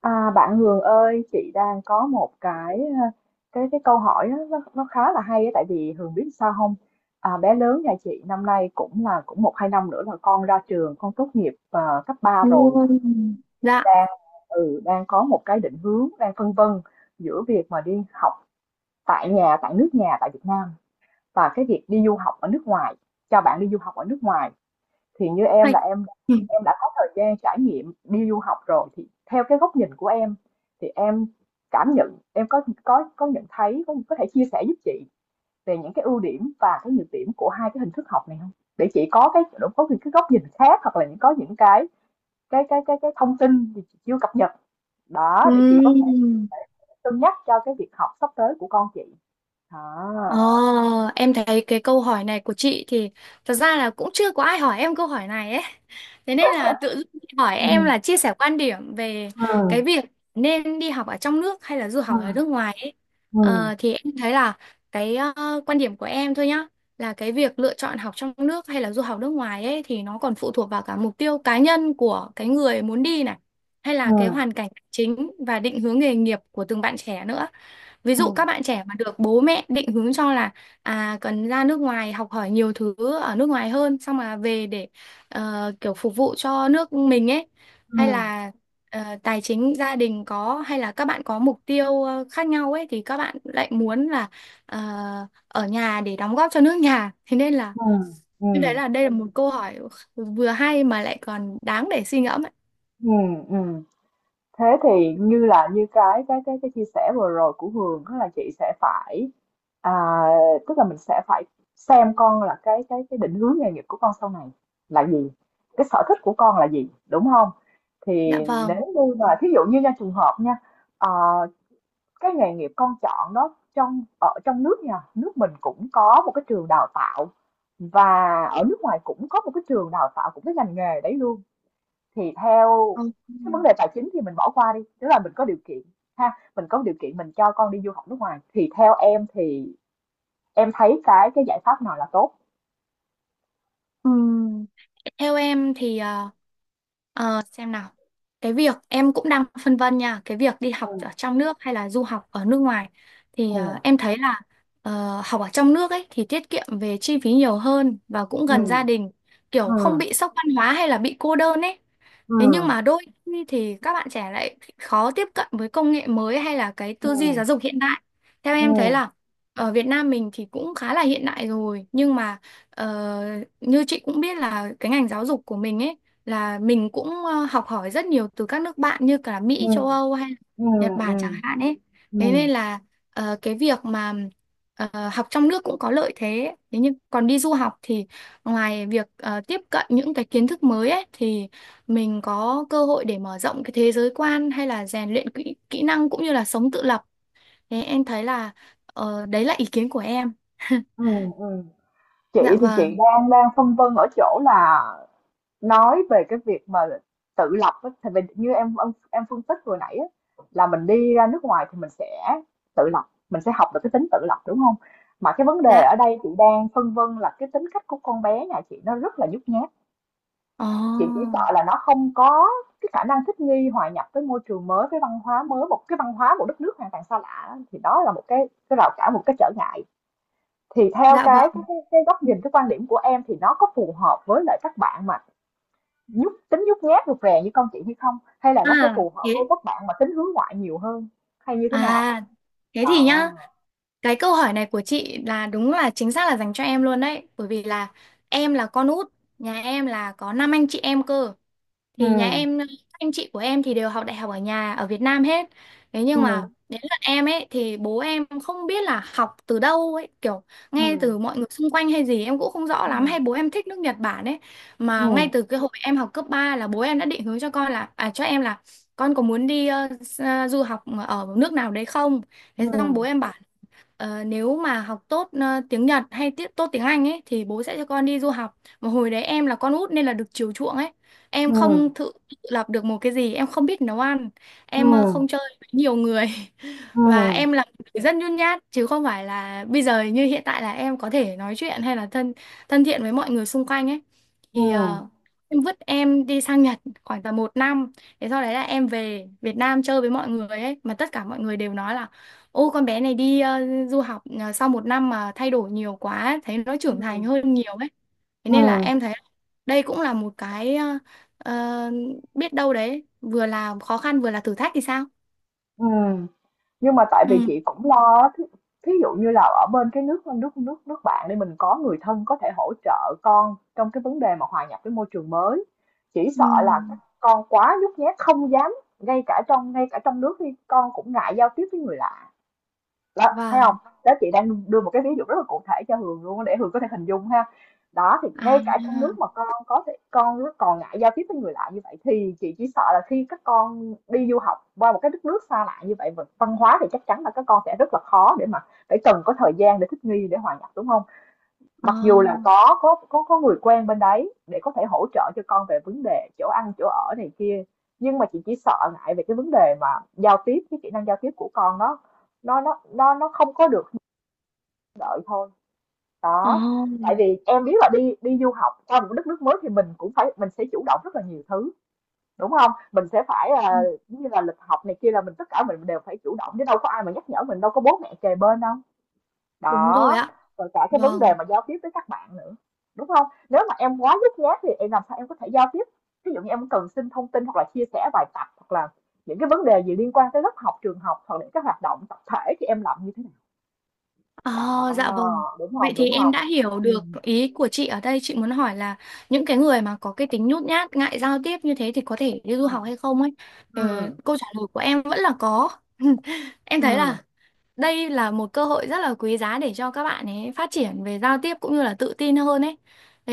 À, bạn Hường ơi, chị đang có một cái ờ, cái câu hỏi á, nó khá là hay á, tại vì Hường biết sao không? À, bé lớn nhà chị năm nay cũng một hai năm nữa là con ra trường, con tốt nghiệp cấp ba Ồ, rồi, dạ đang đang có một cái định hướng, đang phân vân giữa việc mà đi học tại nhà, tại nước nhà, tại Việt Nam và cái việc đi du học ở nước ngoài, cho bạn đi du học ở nước ngoài thì như em là hay. Em đã có thời gian trải nghiệm đi du học rồi thì theo cái góc nhìn của em thì em cảm nhận em có nhận thấy có thể chia sẻ giúp chị về những cái ưu điểm và cái nhược điểm của hai cái hình thức học này không? Để chị có những cái góc nhìn khác hoặc là có những cái thông tin gì chị chưa cập nhật đó để chị có thể Ừm, thể cân nhắc cho cái việc học sắp tới của con chị. À, Ờ, em thấy cái câu hỏi này của chị thì thật ra là cũng chưa có ai hỏi em câu hỏi này ấy. Thế nên là tự dưng chị hỏi ừ, em là chia sẻ quan điểm về ừ, cái việc nên đi học ở trong nước hay là du ừ, học ở nước ngoài ấy. ừ, Thì em thấy là cái quan điểm của em thôi nhá, là cái việc lựa chọn học trong nước hay là du học nước ngoài ấy thì nó còn phụ thuộc vào cả mục tiêu cá nhân của cái người muốn đi này, hay ừ, là cái hoàn cảnh chính và định hướng nghề nghiệp của từng bạn trẻ nữa. Ví dụ các bạn trẻ mà được bố mẹ định hướng cho là cần ra nước ngoài học hỏi nhiều thứ ở nước ngoài hơn xong mà về để kiểu phục vụ cho nước mình ấy, ừ, hay là tài chính gia đình có, hay là các bạn có mục tiêu khác nhau ấy thì các bạn lại muốn là ờ, ở nhà để đóng góp cho nước nhà. Thế nên là ừ, ừ, như đấy là đây là một câu hỏi vừa hay mà lại còn đáng để suy ngẫm ấy. ừ, ừ. Thế thì như cái chia sẻ vừa rồi của Hường đó là chị sẽ phải, à, tức là mình sẽ phải xem con là cái định hướng nghề nghiệp của con sau này là gì, cái sở thích của con là gì, đúng không? Thì Dạ nếu vâng. như mà thí dụ như nha, trường hợp nha, ờ, cái nghề nghiệp con chọn đó, ở trong nước nha, nước mình cũng có một cái trường đào tạo và ở nước ngoài cũng có một cái trường đào tạo của cái ngành nghề đấy luôn, thì theo Ừ. cái vấn đề tài chính thì mình bỏ qua đi, tức là mình có điều kiện ha, mình có điều kiện mình cho con đi du học nước ngoài thì theo em thì em thấy cái giải pháp nào là tốt? Ừm, Theo em thì xem nào. Cái việc em cũng đang phân vân nha, cái việc đi học ở Ừ, trong nước hay là du học ở nước ngoài thì ừ, em thấy là học ở trong nước ấy thì tiết kiệm về chi phí nhiều hơn và cũng ừ, gần gia đình, ừ, kiểu không bị sốc văn hóa hay là bị cô đơn ấy. Thế nhưng mà đôi khi thì các bạn trẻ lại khó tiếp cận với công nghệ mới hay là cái ừ, tư duy giáo ừ, dục hiện đại. Theo ừ, em thấy là ở Việt Nam mình thì cũng khá là hiện đại rồi, nhưng mà Ờ, như chị cũng biết là cái ngành giáo dục của mình ấy là mình cũng học hỏi rất nhiều từ các nước bạn như cả ừ, Mỹ, châu Âu hay là ừ, Nhật Bản chẳng ừ, hạn ấy. ừ, Thế nên là cái việc mà học trong nước cũng có lợi thế. Thế nhưng còn đi du học thì ngoài việc tiếp cận những cái kiến thức mới ấy thì mình có cơ hội để mở rộng cái thế giới quan hay là rèn luyện kỹ năng cũng như là sống tự lập. Thế em thấy là đấy là ý kiến của em. ừ, ừ. Chị Dạ thì chị vâng. đang đang phân vân ở chỗ là nói về cái việc mà tự lập á, thì mình như em phân tích vừa nãy á, là mình đi ra nước ngoài thì mình sẽ tự lập, mình sẽ học được cái tính tự lập, đúng không? Mà cái vấn đề Dạ. ở đây chị đang phân vân là cái tính cách của con bé nhà chị nó rất là nhút nhát, Ồ, chị chỉ sợ là nó không có cái khả năng thích nghi, hòa nhập với môi trường mới, với văn hóa mới, một cái văn hóa, một đất nước hoàn toàn xa lạ, thì đó là một cái rào cản, một cái trở ngại. Thì theo dạ cái cái vâng. cái góc nhìn, cái quan điểm của em thì nó có phù hợp với lại các bạn mà nhút nhát rụt rè như con chị hay không, hay là nó sẽ À, phù hợp với các bạn mà tính hướng ngoại nhiều hơn, hay như thế nào? à, thế thì Đó. nhá, cái câu hỏi này của chị là đúng là chính xác là dành cho em luôn đấy, bởi vì là em là con út, nhà em là có năm anh chị em cơ. Ừ, Thì nhà em các anh chị của em thì đều học đại học ở nhà ở Việt Nam hết, thế ừ, nhưng mà đến lượt em ấy thì bố em không biết là học từ đâu ấy, kiểu nghe ừ, từ mọi người xung quanh hay gì em cũng không rõ lắm, ừ, hay bố em thích nước Nhật Bản ấy, ừ, mà ngay từ cái hồi em học cấp 3 là bố em đã định hướng cho con là cho em là con có muốn đi du học ở nước nào đấy không. ừ, Thế xong bố em bảo nếu mà học tốt tiếng Nhật hay tiết tốt tiếng Anh ấy thì bố sẽ cho con đi du học. Mà hồi đấy em là con út nên là được chiều chuộng ấy. ừ, Em ừ, không tự tự lập được một cái gì, em không biết nấu ăn, ừ, em không chơi với nhiều người, ừ, và em là một người rất nhút nhát chứ không phải là bây giờ như hiện tại là em có thể nói chuyện hay là thân thân thiện với mọi người xung quanh ấy. ừ, Thì em vứt em đi sang Nhật khoảng tầm một năm, thế sau đấy là em về Việt Nam chơi với mọi người ấy mà tất cả mọi người đều nói là ô con bé này đi du học sau một năm mà thay đổi nhiều quá, thấy nó trưởng thành hơn nhiều ấy. Thế ừ, nên là em thấy đây cũng là một cái ờ, biết đâu đấy, vừa là khó khăn vừa là thử thách thì sao? ừ. Nhưng mà tại vì Ừ. chị cũng lo á, thí dụ như là ở bên cái nước nước nước nước bạn đi, mình có người thân có thể hỗ trợ con trong cái vấn đề mà hòa nhập với môi trường mới. Chỉ Ừ. sợ là các con quá nhút nhát không dám, ngay cả trong nước thì con cũng ngại giao tiếp với người lạ. Đó, thấy không? Vâng. Đó, chị đang đưa một cái ví dụ rất là cụ thể cho Hường luôn á, để Hường có thể hình dung ha. Đó, thì ngay À, cả trong nước mà con có thể con nó còn ngại giao tiếp với người lạ như vậy, thì chị chỉ sợ là khi các con đi du học qua một cái đất nước xa lạ như vậy, văn hóa thì chắc chắn là các con sẽ rất là khó để mà phải cần có thời gian để thích nghi, để hòa nhập, đúng không? ờ, Mặc dù là có người quen bên đấy để có thể hỗ trợ cho con về vấn đề chỗ ăn chỗ ở này kia, nhưng mà chị chỉ sợ ngại về cái vấn đề mà giao tiếp cái kỹ năng giao tiếp của con, nó không có được như đợi thôi. Đó. ờ, Tại vì em biết là đi đi du học qua một đất nước mới thì mình cũng phải mình sẽ chủ động rất là nhiều thứ, đúng không? Mình sẽ phải, ừ, giống như là lịch học này kia, là tất cả mình đều phải chủ động, chứ đâu có ai mà nhắc nhở mình, đâu có bố mẹ kề bên đâu. đúng rồi Đó. ạ. Rồi cả cái vấn đề Vâng. mà giao tiếp với các bạn nữa, đúng không? Nếu mà em quá nhút nhát thì em làm sao em có thể giao tiếp? Ví dụ như em cần xin thông tin hoặc là chia sẻ bài tập hoặc là những cái vấn đề gì liên quan tới lớp học trường học hoặc những cái hoạt động tập thể thì em làm như thế nào? Ờ, Đó, dạ vâng. đúng Vậy không? thì Đúng em không? đã hiểu Ừ, được ý của chị ở đây. Chị muốn hỏi là những cái người mà có cái tính nhút nhát, ngại giao tiếp như thế thì có thể đi du học ừ, hay không ấy. Ờ, ừ, câu trả lời của em vẫn là có. Em ừ, thấy là đây là một cơ hội rất là quý giá để cho các bạn ấy phát triển về giao tiếp cũng như là tự tin hơn ấy.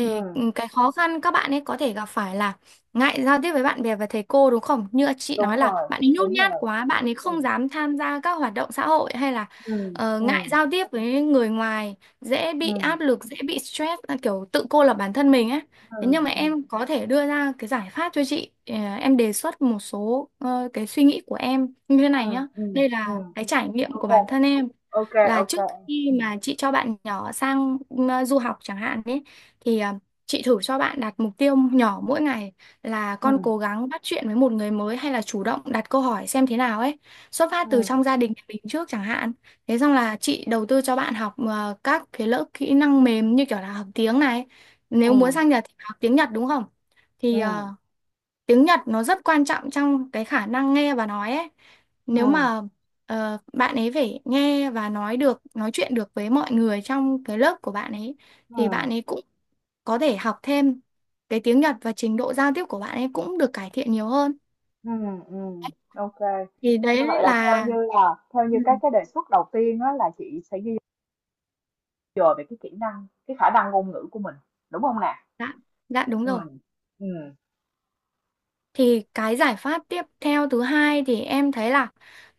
ừ. Cái khó khăn các bạn ấy có thể gặp phải là ngại giao tiếp với bạn bè và thầy cô, đúng không? Như chị Đúng nói là rồi, bạn ấy nhút đúng nhát rồi. quá, bạn ấy Ừ, không dám tham gia các hoạt động xã hội hay là ừ, ừ, ngại giao tiếp với người ngoài, dễ ừ, bị áp lực, dễ bị stress, kiểu tự cô lập bản thân mình ấy. ừ, Thế nhưng mà ừ, em có thể đưa ra cái giải pháp cho chị. Ờ, Em đề xuất một số cái suy nghĩ của em như thế ừ, này nhá. ừ, Đây là ừ. cái trải nghiệm OK, của bản thân em, OK, là OK. trước khi Ừ, mà chị cho bạn nhỏ sang du học chẳng hạn ấy thì chị thử cho bạn đặt mục tiêu nhỏ mỗi ngày, là ừ, con cố gắng bắt chuyện với một người mới hay là chủ động đặt câu hỏi xem thế nào ấy, xuất phát từ trong ừ, gia đình nhà mình trước chẳng hạn. Thế xong là chị đầu tư cho bạn học các cái lớp kỹ năng mềm như kiểu là học tiếng này, nếu muốn ừ, sang Nhật thì học tiếng Nhật, đúng không? ừ, Thì tiếng Nhật nó rất quan trọng trong cái khả năng nghe và nói ấy. ừ, Nếu mà bạn ấy phải nghe và nói được, nói chuyện được với mọi người trong cái lớp của bạn ấy ừ, thì bạn ấy cũng có thể học thêm cái tiếng Nhật, và trình độ giao tiếp của bạn ấy cũng được cải thiện nhiều hơn. ừ, ừ. OK. Thì Như đấy vậy là theo là như Ừ. các cái đề xuất đầu tiên á, là chị sẽ ghi giờ về cái kỹ năng, cái khả năng ngôn ngữ của mình, đúng không nè? Dạ, dạ đúng Ừ, rồi. ừ, Thì cái giải pháp tiếp theo thứ hai thì em thấy là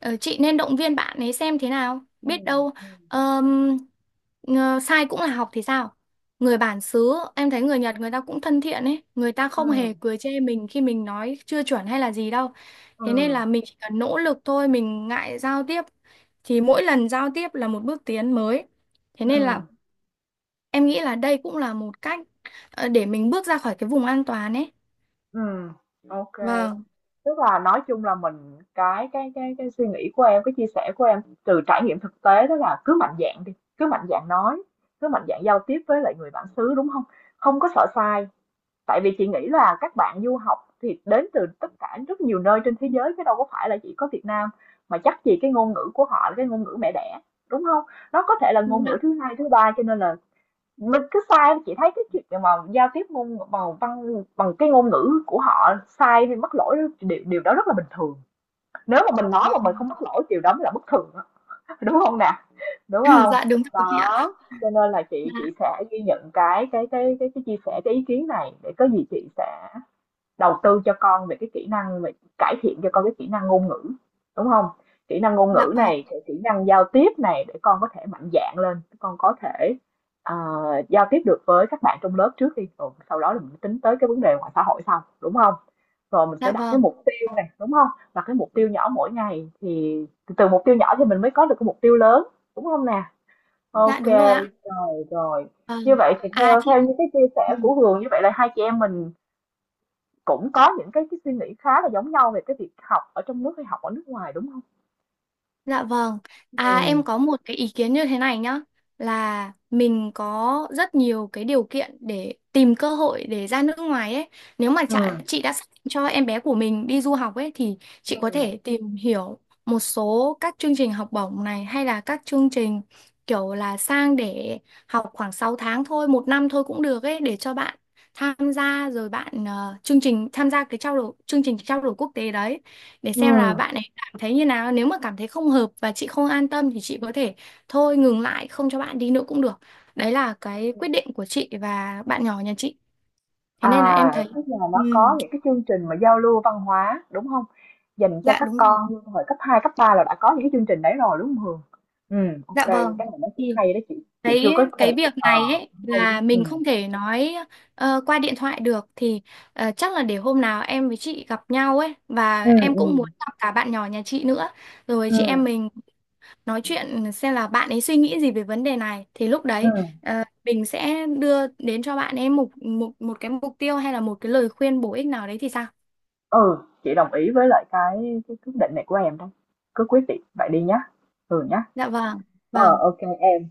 chị nên động viên bạn ấy xem thế nào. ừ, Biết đâu ừ, ờm, sai cũng là học thì sao? Người bản xứ, em thấy người Nhật người ta cũng thân thiện ấy. Người ta ừ, không hề cười chê mình khi mình nói chưa chuẩn hay là gì đâu. ừ, Thế nên là mình chỉ cần nỗ lực thôi, mình ngại giao tiếp thì mỗi lần giao tiếp là một bước tiến mới. Thế nên là ừm. em nghĩ là đây cũng là một cách để mình bước ra khỏi cái vùng an toàn ấy. Ừm. OK. Vâng. Tức là nói chung là mình, cái suy nghĩ của em, cái chia sẻ của em từ trải nghiệm thực tế đó là cứ mạnh dạn đi, cứ mạnh dạn nói, cứ mạnh dạn giao tiếp với lại người bản xứ, đúng không? Không có sợ sai. Tại vì chị nghĩ là các bạn du học thì đến từ tất cả rất nhiều nơi trên thế giới chứ đâu có phải là chỉ có Việt Nam, mà chắc gì cái ngôn ngữ của họ là cái ngôn ngữ mẹ đẻ, đúng không? Nó có thể là ngôn ngữ thứ hai thứ ba, cho nên là mình cứ sai, chị thấy cái chuyện mà giao tiếp ngôn bằng văn bằng cái ngôn ngữ của họ sai thì mắc lỗi, điều đó rất là bình thường, nếu mà mình nói mà mình Vâng. không mắc lỗi điều đó mới là bất thường á. Đúng không nè? Đúng không? Dạ đúng rồi chị ạ. Đó. Cho nên là chị Dạ, chị sẽ ghi nhận cái chia sẻ, cái ý kiến này, để có gì chị sẽ đầu tư cho con về cải thiện cho con cái kỹ năng ngôn ngữ, đúng không? Kỹ năng ngôn dạ ngữ vâng. này, cái kỹ năng giao tiếp này, để con có thể mạnh dạn lên, con có thể, ờ, giao tiếp được với các bạn trong lớp trước đi, rồi sau đó là mình tính tới cái vấn đề ngoài xã hội sau, đúng không? Rồi mình sẽ Dạ đặt cái vâng. mục tiêu này, đúng không? Đặt cái mục tiêu nhỏ mỗi ngày, thì từ mục tiêu nhỏ thì mình mới có được cái mục tiêu lớn, đúng không nè? Dạ OK, đúng rồi ạ. rồi, rồi. Như Vâng. vậy thì À theo chị. theo như cái chia Ừ. sẻ của Hường, như vậy là hai chị em mình cũng có những cái suy nghĩ khá là giống nhau về cái việc học ở trong nước hay học ở nước ngoài, đúng không? Dạ vâng. Ừ, À em có một cái ý kiến như thế này nhá, là mình có rất nhiều cái điều kiện để tìm cơ hội để ra nước ngoài ấy. Nếu mà ừ. chị đã xác định cho em bé của mình đi du học ấy thì chị có Ừm. thể tìm hiểu một số các chương trình học bổng này, hay là các chương trình kiểu là sang để học khoảng 6 tháng thôi, một năm thôi cũng được ấy, để cho bạn tham gia, rồi bạn chương trình tham gia cái trao đổi, chương trình trao đổi quốc tế đấy, để xem là Ừm. bạn ấy thấy như nào. Nếu mà cảm thấy không hợp và chị không an tâm thì chị có thể thôi, ngừng lại không cho bạn đi nữa cũng được. Đấy là cái quyết định của chị và bạn nhỏ nhà chị. Thế nên là em À, thấy tức là nó có ừm, những cái chương trình mà giao lưu văn hóa, đúng không? Dành cho dạ các đúng rồi. con hồi cấp 2 cấp 3 là đã có những cái chương trình đấy rồi, đúng không Hường? Ừ, OK Dạ kê, vâng. cái này nó cũng Thì hay đó, chị chưa cái có cái cùng, việc này ấy cũng hay đó, là mình không thể nói qua điện thoại được, thì chắc là để hôm nào em với chị gặp nhau ấy, và Ừm, em cũng muốn ừm, gặp cả bạn nhỏ nhà chị nữa, rồi chị ừm, em mình nói chuyện xem là bạn ấy suy nghĩ gì về vấn đề này, thì lúc đấy ừm, mình sẽ đưa đến cho bạn ấy một một một cái mục tiêu hay là một cái lời khuyên bổ ích nào đấy thì sao? ừ, chị đồng ý với lại cái quyết định này của em đó, cứ quyết định vậy đi nhá, Hường nhá. Dạ vâng, Ờ, vâng. OK em.